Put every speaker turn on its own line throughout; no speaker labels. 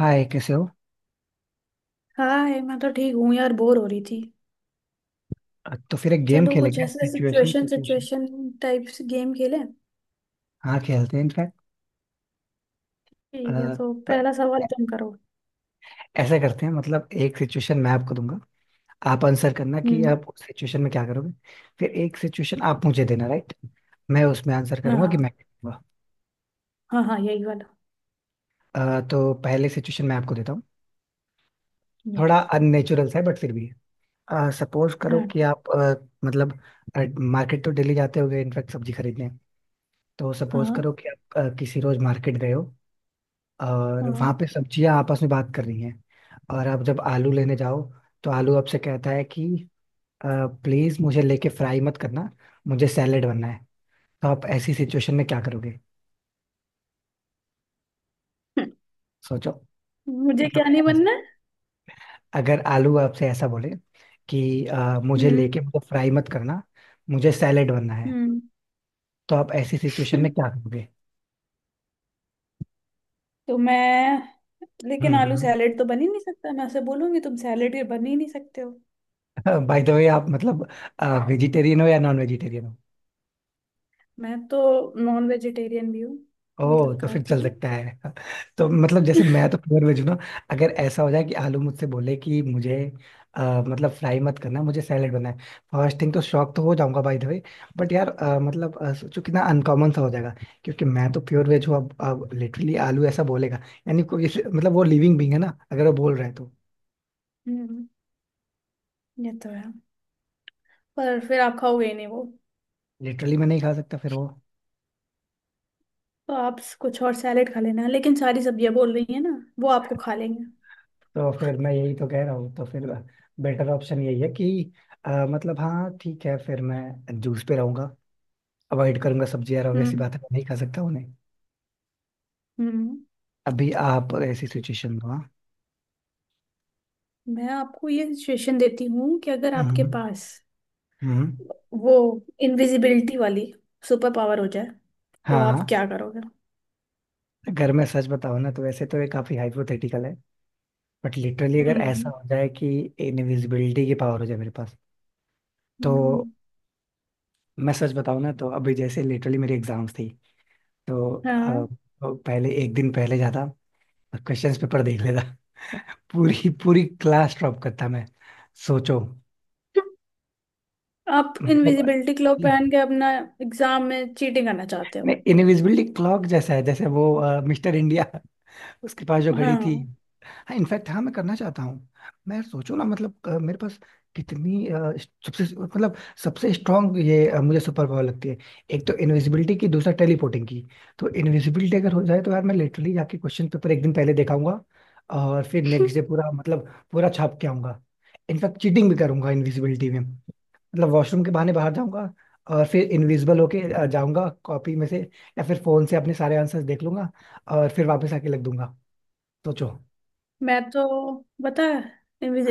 हाय, कैसे हो।
हाय, मैं तो ठीक हूँ यार, बोर हो रही थी।
तो फिर एक गेम
चलो, कुछ
खेलेंगे
ऐसे
situation
situation
situation.
Situation types game खेलें।
हाँ, खेलते हैं इनफैक्ट।
ठीक है, तो पहला सवाल तुम करो।
ऐसा करते हैं, मतलब एक सिचुएशन मैं आपको दूंगा, आप आंसर करना कि
हम्म।
आप उस सिचुएशन में क्या करोगे। फिर एक सिचुएशन आप मुझे देना, राइट, मैं उसमें आंसर
हाँ,
करूंगा कि
हाँ।
मैं क्या
हाँ, हाँ, यही वाला।
करूंगा। तो पहले सिचुएशन मैं आपको देता हूँ।
यस।
थोड़ा अननेचुरल सा है बट फिर भी है। सपोज करो
हाँ,
कि आप, मतलब मार्केट तो डेली जाते होगे इनफैक्ट, सब्जी खरीदने। तो सपोज
हाँ,
करो कि आप किसी रोज मार्केट गए हो, और
हाँ।
वहां पे सब्जियां आपस में बात कर रही हैं, और आप जब आलू लेने जाओ तो आलू आपसे कहता है कि प्लीज, मुझे लेके फ्राई मत करना, मुझे सैलेड बनना है। तो आप ऐसी सिचुएशन में क्या करोगे? सोचो।
मुझे क्या
मतलब
नहीं बनना है?
अगर आलू आपसे ऐसा बोले कि मुझे
हम्म।
लेके मुझे फ्राई मत करना, मुझे सैलेड बनना है,
हम्म।
तो आप ऐसी सिचुएशन में क्या करोगे?
तो मैं लेकिन आलू
हम्म।
सैलेड तो बन ही नहीं सकता। मैं उसे बोलूंगी तुम सैलेड के बन ही नहीं सकते हो।
बाय द वे, आप मतलब वेजिटेरियन हो या नॉन वेजिटेरियन?
मैं तो नॉन वेजिटेरियन भी हूँ।
ओह,
मतलब,
तो फिर
खाती
चल
हूँ।
सकता है। तो मतलब जैसे मैं तो प्योर वेज हूं ना, अगर ऐसा हो जाए कि आलू मुझसे बोले कि मुझे, मतलब फ्राई मत करना, मुझे सैलेड बनाए। फर्स्ट थिंग तो शॉक तो हो जाऊंगा, बाय द वे। बट यार, मतलब सोचो कितना अनकॉमन सा हो जाएगा। क्योंकि मैं तो प्योर वेज हूँ। अब लिटरली आलू ऐसा बोलेगा, यानी कोई मतलब, वो लिविंग बींग है ना, अगर वो बोल रहा है तो
हम्म। ये तो है। पर फिर आप खाओगे ही नहीं वो।
लिटरली मैं नहीं खा सकता फिर वो।
तो आप कुछ और सैलेड खा लेना, लेकिन सारी सब्जियां बोल रही है ना, वो आपको खा लेंगे।
तो फिर मैं यही तो कह रहा हूँ, तो फिर बेटर ऑप्शन यही है कि मतलब हाँ ठीक है, फिर मैं जूस पे रहूंगा, अवॉइड करूंगा सब्जी यार, obvious सी
हम्म,
बात है, मैं नहीं खा सकता उन्हें।
हम्म।
अभी आप ऐसी
ठीक।
सिचुएशन में हो, हाँ।
मैं आपको ये सजेशन देती हूँ कि अगर आपके
हम्म।
पास
हम्म।
वो इनविजिबिलिटी वाली सुपर पावर हो जाए तो आप
हाँ।
क्या करोगे?
अगर मैं सच बताऊं ना, तो वैसे तो ये काफी हाइपोथेटिकल है, बट लिटरली अगर ऐसा
हम्म,
हो जाए कि इनविजिबिलिटी की पावर हो जाए मेरे पास, तो
हम्म,
मैं सच बताऊं ना तो, अभी जैसे लिटरली मेरी एग्जाम्स थी, तो अ,
हाँ।
तो पहले एक दिन पहले जाता और क्वेश्चन पेपर देख लेता। पूरी पूरी क्लास ड्रॉप करता मैं। सोचो।
आप
मतलब
इनविजिबिलिटी क्लोथ पहन के अपना एग्जाम में चीटिंग करना चाहते हो?
इनविजिबिलिटी क्लॉक जैसा है, जैसे वो मिस्टर इंडिया, उसके पास जो घड़ी
हाँ।
थी। हाँ इनफैक्ट, हाँ मैं करना चाहता हूँ। मैं सोचो ना, मतलब मेरे पास कितनी सबसे मतलब सबसे स्ट्रांग ये मुझे सुपर पावर लगती है, एक तो इनविजिबिलिटी की, दूसरा टेलीपोर्टिंग की। तो इनविजिबिलिटी अगर हो जाए तो यार, मैं लिटरली जाके क्वेश्चन पेपर एक दिन पहले देखाऊंगा, और फिर नेक्स्ट डे पूरा, मतलब पूरा छाप के आऊंगा। इनफैक्ट चीटिंग भी करूंगा इनविजिबिलिटी में, मतलब वॉशरूम के बहाने बाहर जाऊंगा, और फिर इनविजिबल होके जाऊंगा कॉपी में से, या फिर फोन से अपने सारे आंसर्स देख लूंगा, और फिर वापस आके लग दूंगा। सोचो।
मैं तो, पता है,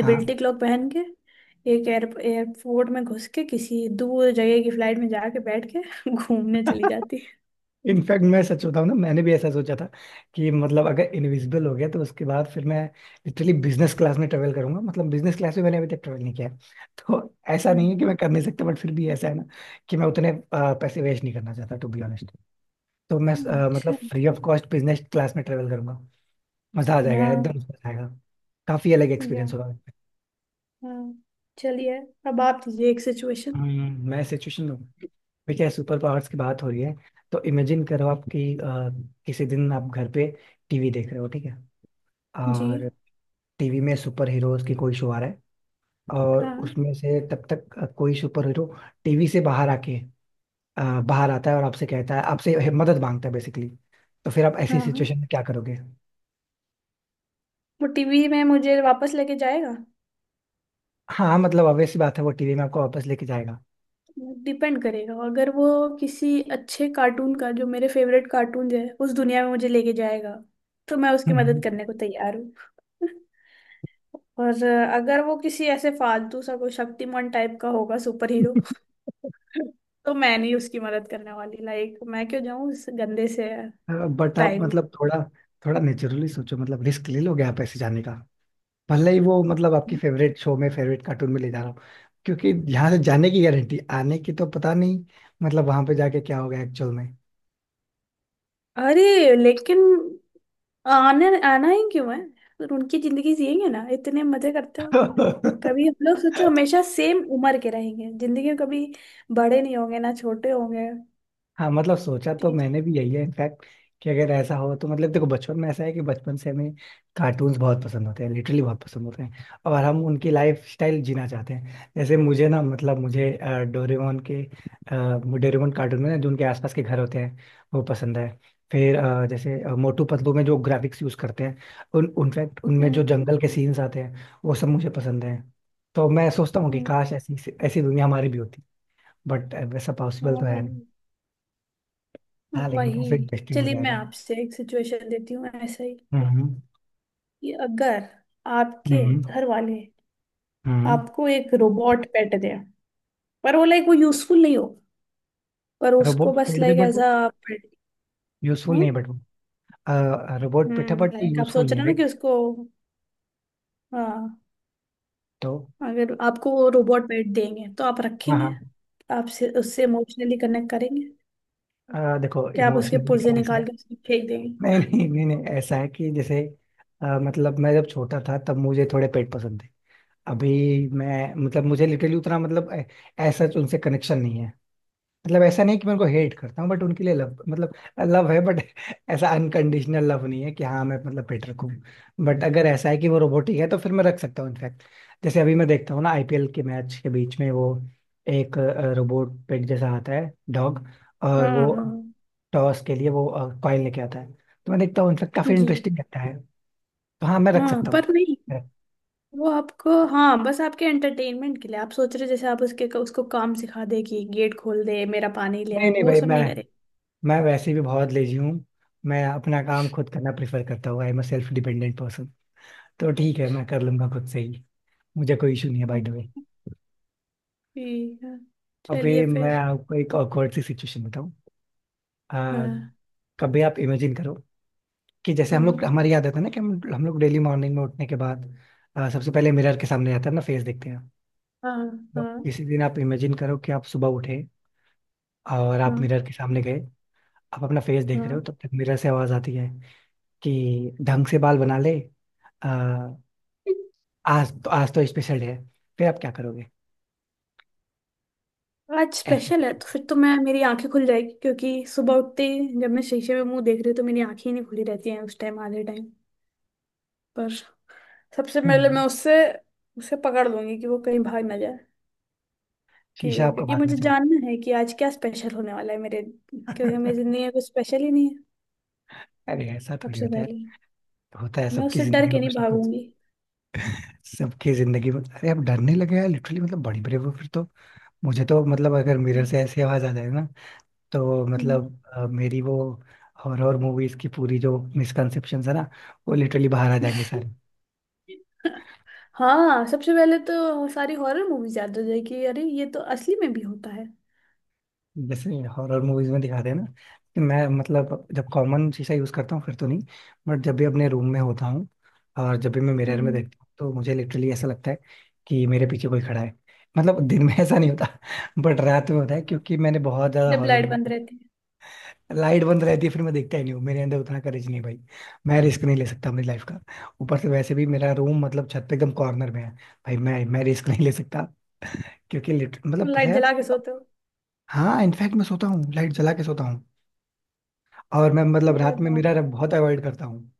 हाँ।
क्लॉक पहन के एक एयरपोर्ट में घुस के किसी दूर जगह की फ्लाइट में जाके बैठ के घूमने चली जाती।
इनफैक्ट मैं सच बताऊं ना, मैंने भी ऐसा सोचा था कि मतलब अगर इनविजिबल हो गया तो उसके बाद फिर मैं लिटरली बिजनेस क्लास में ट्रेवल करूंगा, मतलब बिजनेस क्लास में मैंने अभी तक ट्रेवल नहीं किया है। तो ऐसा नहीं
हम्म,
है कि मैं कर नहीं सकता, बट फिर भी ऐसा है ना कि मैं उतने पैसे वेस्ट नहीं करना चाहता, टू बी ऑनेस्ट। तो मैं, मतलब
अच्छा।
Free of cost business class में ट्रेवल करूंगा। मजा आ जाएगा, एकदम
हाँ।
मजा आएगा। काफी अलग
या।
एक्सपीरियंस होगा।
हाँ, चलिए, अब आप दीजिए एक सिचुएशन।
मैं सिचुएशन में हूँ। देखिए, सुपर पावर्स की बात हो रही है, तो इमेजिन करो आप कि किसी दिन आप घर पे टीवी देख रहे हो, ठीक है,
जी।
और टीवी में सुपर हीरोज की कोई शो आ रहा है, और
हाँ,
उसमें से तब तक कोई सुपर हीरो टीवी से बाहर आके, बाहर आता है, और आपसे कहता है, आपसे मदद मांगता है बेसिकली। तो फिर आप ऐसी
हाँ, हाँ।
सिचुएशन में क्या करोगे?
वो टीवी में मुझे वापस लेके जाएगा।
हाँ, मतलब obvious सी बात है, वो टीवी में आपको वापस लेके जाएगा।
डिपेंड करेगा। अगर वो किसी अच्छे कार्टून का, जो मेरे फेवरेट कार्टून है, उस दुनिया में मुझे लेके जाएगा तो मैं उसकी
हम्म।
मदद करने को तैयार हूँ। और अगर वो किसी ऐसे फालतू सा कोई शक्तिमान टाइप का होगा सुपर हीरो, तो मैं नहीं उसकी मदद करने वाली। लाइक, मैं क्यों जाऊं इस गंदे से
बट आप
टाइम।
मतलब थोड़ा थोड़ा नेचुरली सोचो, मतलब रिस्क ले लोगे आप ऐसे जाने का? भले ही वो मतलब आपकी फेवरेट शो में, फेवरेट कार्टून में ले जा रहा हूँ, क्योंकि यहाँ से जाने की गारंटी, आने की तो पता नहीं, मतलब वहां पे जाके क्या होगा एक्चुअल में।
अरे, लेकिन आने आना ही क्यों है? उनकी जिंदगी जिएंगे ना, इतने मजे करते हैं। कभी हम लोग, सोचो, हमेशा सेम उम्र के रहेंगे जिंदगी में। कभी बड़े नहीं होंगे, ना छोटे होंगे।
हाँ, मतलब सोचा तो
ठीक।
मैंने भी यही है इनफैक्ट, कि अगर ऐसा हो तो मतलब देखो, बचपन में ऐसा है कि बचपन से हमें कार्टून्स बहुत पसंद होते हैं, लिटरली बहुत पसंद होते हैं, और हम उनकी लाइफ स्टाइल जीना चाहते हैं। जैसे मुझे ना, मतलब मुझे डोरेमोन कार्टून में ना, जो उनके आसपास के घर होते हैं, वो पसंद है। फिर जैसे मोटू पतलू में जो ग्राफिक्स यूज करते हैं, उन उनफैक्ट उनमें जो
हम्म,
जंगल के सीन्स आते हैं, वो सब मुझे पसंद है। तो मैं सोचता हूँ कि
हम्म।
काश ऐसी ऐसी दुनिया हमारी भी होती, बट वैसा पॉसिबल
हाँ,
तो है।
वही।
हाँ, लेकिन
वही।
काफी इंटरेस्टिंग हो
चलिए, मैं
जाएगा।
आपसे एक सिचुएशन देती हूँ ऐसा ही।
हम्म।
कि अगर आपके
हम्म।
घर वाले
हम्म
आपको एक रोबोट पेट दे, पर वो, लाइक, वो यूजफुल नहीं हो, पर उसको
रोबोट
बस
पेट दे
लाइक
बट
एज
वो
अ पेट।
यूजफुल
हम्म,
नहीं है, बट वो रोबोट पिट है
हम्म,
बट वो
लाइक आप
यूजफुल
सोच
नहीं
रहे
है,
हो ना
राइट।
कि उसको। हाँ।
तो
अगर आपको वो रोबोट पेट देंगे तो आप रखेंगे?
हाँ,
आपसे उससे इमोशनली कनेक्ट करेंगे?
हाँ, देखो
कि आप उसके
इमोशनली
पुर्जे
का ऐसा है,
निकाल के उसको फेंक देंगे?
नहीं, नहीं, नहीं, नहीं, ऐसा है कि जैसे मतलब मैं जब छोटा था तब मुझे थोड़े पेट पसंद थे। अभी मैं, मतलब मुझे लिटरली उतना, मतलब ऐसा उनसे कनेक्शन नहीं है। मतलब ऐसा नहीं कि मैं उनको हेट करता हूँ, बट उनके लिए लव, मतलब लव है, बट ऐसा अनकंडीशनल लव नहीं है कि हाँ मैं मतलब पेट रखूँ। बट अगर ऐसा है कि वो रोबोटिक है तो फिर मैं रख सकता हूँ इनफैक्ट, जैसे अभी मैं देखता हूँ ना, आईपीएल के मैच के बीच में वो एक रोबोट पेट जैसा आता है, डॉग, और
हाँ,
वो
हाँ,
टॉस के लिए वो कॉइन लेके आता है। तो मैं देखता हूँ, इनफैक्ट काफी
जी,
इंटरेस्टिंग लगता है। तो हाँ, मैं रख
हाँ।
सकता हूँ।
पर नहीं, वो आपको, हाँ, बस आपके एंटरटेनमेंट के लिए आप सोच रहे हो, जैसे आप उसके उसको काम सिखा दे कि गेट खोल दे, मेरा पानी ले आ,
नहीं, नहीं
वो
भाई,
सब
मैं
नहीं करे।
मैं वैसे भी बहुत लेजी हूँ, मैं अपना काम खुद करना प्रेफर करता हूँ। I am a self dependent. तो ठीक है, मैं कर लूंगा खुद से ही, मुझे कोई इशू नहीं है, बाय द
हम्म,
वे।
ठीक है,
अभी
चलिए
मैं
फिर।
आपको एक awkward सी सिचुएशन बताऊं। आ,
हाँ,
कभी आप इमेजिन करो, कि जैसे हम
हाँ,
लोग, हमारी आदत है ना, कि हम लोग डेली मॉर्निंग में उठने के बाद सबसे पहले मिरर के सामने जाते हैं ना, फेस देखते हैं।
हाँ,
तो
हाँ,
किसी दिन आप इमेजिन करो कि आप सुबह उठे, और आप
हाँ,
मिरर के सामने गए, आप अपना फेस देख रहे हो,
हाँ।
तब तक मिरर से आवाज आती है कि ढंग से बाल बना ले, आ, आज तो स्पेशल है। फिर आप क्या करोगे?
आज स्पेशल है
ऐसे-
तो फिर तो मैं मेरी आंखें खुल जाएगी, क्योंकि सुबह उठते ही जब मैं शीशे में मुंह देख रही हूँ तो मेरी आंखें ही नहीं खुली रहती हैं उस टाइम, आधे टाइम। पर सबसे पहले मैं
हम्म,
उससे उसे पकड़ लूंगी कि वो कहीं भाग ना जाए। कि
शीशा आपको
क्योंकि
भागना
मुझे
चाहिए।
जानना है कि आज क्या स्पेशल होने वाला है मेरे। क्योंकि मेरी जिंदगी में कुछ स्पेशल ही नहीं है।
अरे ऐसा थोड़ी
सबसे
होता है,
पहले
होता है
मैं
सबकी
उससे डर
जिंदगी
के
में
नहीं
कुछ ना कुछ,
भागूंगी।
सबकी जिंदगी में। अरे आप डरने लगे यार लिटरली, मतलब बड़ी ब्रेव हो फिर तो। मुझे तो मतलब, अगर मिरर
हम्म,
से ऐसी आवाज आ जाए ना, तो
हम्म।
मतलब मेरी वो हॉरर मूवीज की पूरी जो मिसकंसेप्शन है ना, वो लिटरली बाहर आ जाएंगे सारे।
हाँ, सबसे पहले तो सारी हॉरर मूवीज याद हो जाएगी। अरे, ये तो असली में भी होता है।
जैसे हॉरर मूवीज में दिखाते हैं ना, कि मैं मतलब जब कॉमन शीशा यूज करता हूँ फिर तो नहीं, बट जब भी अपने रूम में होता हूँ, और जब भी मैं मिरर में
हम्म,
देखता हूँ, तो मुझे लिटरली ऐसा लगता है कि मेरे पीछे कोई खड़ा है। मतलब दिन में ऐसा नहीं होता। बट रात में होता है, क्योंकि मैंने बहुत ज्यादा
जब
हॉरर
लाइट बंद
मूवी,
रहती है।
लाइट बंद रहती है फिर मैं देखता ही नहीं हूँ, मेरे अंदर उतना करेज नहीं है भाई, मैं रिस्क नहीं ले सकता अपनी लाइफ का। ऊपर से वैसे भी मेरा रूम, मतलब छत पे एकदम कॉर्नर में है। भाई, मैं रिस्क नहीं ले सकता, क्योंकि मतलब पता
लाइट
है यार,
जला के
मतलब
सोते हो?
हाँ इनफैक्ट, मैं सोता हूँ, लाइट जला के सोता हूँ। और मैं मतलब
अरे
रात में
बाप।
मिरर बहुत अवॉइड करता हूँ,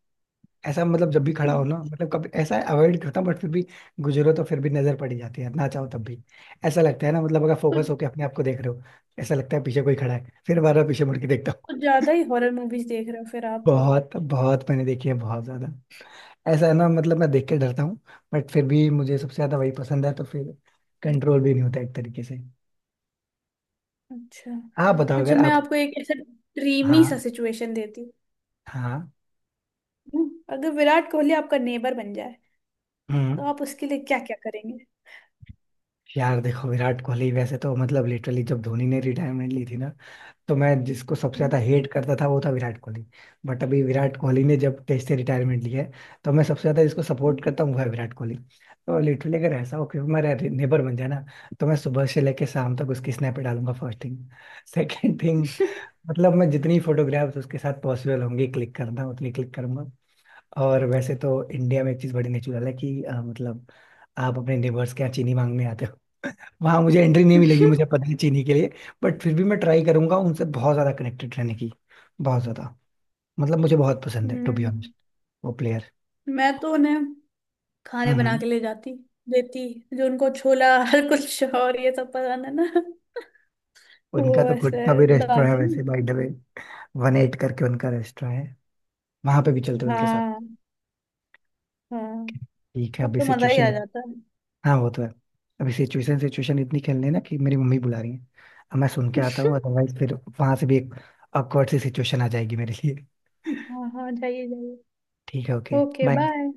ऐसा मतलब जब भी खड़ा हो ना,
अच्छा।
मतलब कभी ऐसा अवॉइड करता हूँ बट फिर भी, गुजरो तो फिर भी नजर पड़ ही जाती है ना, चाहो तब भी। ऐसा लगता है ना, मतलब अगर
कुछ
फोकस होके अपने आप को देख रहे हो, ऐसा लगता है पीछे कोई खड़ा है, फिर बार बार पीछे मुड़ के देखता हूँ।
कुछ ज्यादा ही हॉरर मूवीज देख रहे हो फिर आप।
बहुत बहुत मैंने देखी है, बहुत ज्यादा। ऐसा है ना, मतलब मैं देख के डरता हूँ, बट फिर भी मुझे सबसे ज्यादा वही पसंद है, तो फिर कंट्रोल भी नहीं होता एक तरीके से।
अच्छा।
आप बताओ अगर
अच्छा, मैं
आप।
आपको एक ऐसा ड्रीमी सा
हाँ,
सिचुएशन देती हूँ।
हाँ।
अगर विराट कोहली आपका नेबर बन जाए तो
हम्म।
आप उसके लिए क्या क्या करेंगे?
यार देखो, विराट कोहली वैसे तो मतलब, लिटरली जब धोनी ने रिटायरमेंट ली थी ना, तो मैं जिसको सबसे ज्यादा
हम्म।
हेट करता था वो था विराट कोहली, बट अभी विराट कोहली ने जब टेस्ट से रिटायरमेंट लिया है, तो मैं सबसे ज्यादा जिसको सपोर्ट करता हूँ वो है विराट कोहली। तो लिटरली अगर ऐसा हो कि वो मेरा नेबर बन जाए ना, तो मैं सुबह से लेके शाम तक उसकी स्नैप डालूंगा, फर्स्ट थिंग। सेकंड थिंग, मतलब मैं जितनी फोटोग्राफ्स उसके साथ पॉसिबल होंगी क्लिक करना, उतनी क्लिक करूंगा। और वैसे तो इंडिया में एक चीज बड़ी नेचुरल है, कि मतलब आप अपने नेबर्स के यहाँ चीनी मांगने आते, वहां मुझे एंट्री नहीं मिलेगी, मुझे पता है, चीनी के लिए। बट फिर भी मैं ट्राई करूंगा उनसे बहुत ज्यादा कनेक्टेड रहने की, बहुत ज्यादा। मतलब मुझे बहुत पसंद है, टू बी ऑनेस्ट,
हम्म।
वो प्लेयर।
मैं तो उन्हें खाने बना
हम्म
के ले जाती, देती, जो उनको छोला हर कुछ और ये सब पसंद है ना।
उनका
वो
तो खुद
ऐसे
का भी रेस्टोरेंट है
डालते नहीं।
वैसे, by the way. One eight करके उनका रेस्टोरेंट है, वहां पे भी चलते हैं उनके साथ।
हाँ, हाँ।
ठीक है,
अब
अभी
तो मजा ही
सिचुएशन।
आ जाता
हाँ, वो तो है। अभी सिचुएशन सिचुएशन इतनी खेलने है ना कि मेरी मम्मी बुला रही है, अब मैं सुन के आता
है।
हूँ, अदरवाइज फिर वहां से भी एक awkward सी सिचुएशन आ जाएगी मेरे लिए।
हाँ, हाँ, जाइए, जाइए।
ठीक है, ओके,
ओके,
बाय।
बाय।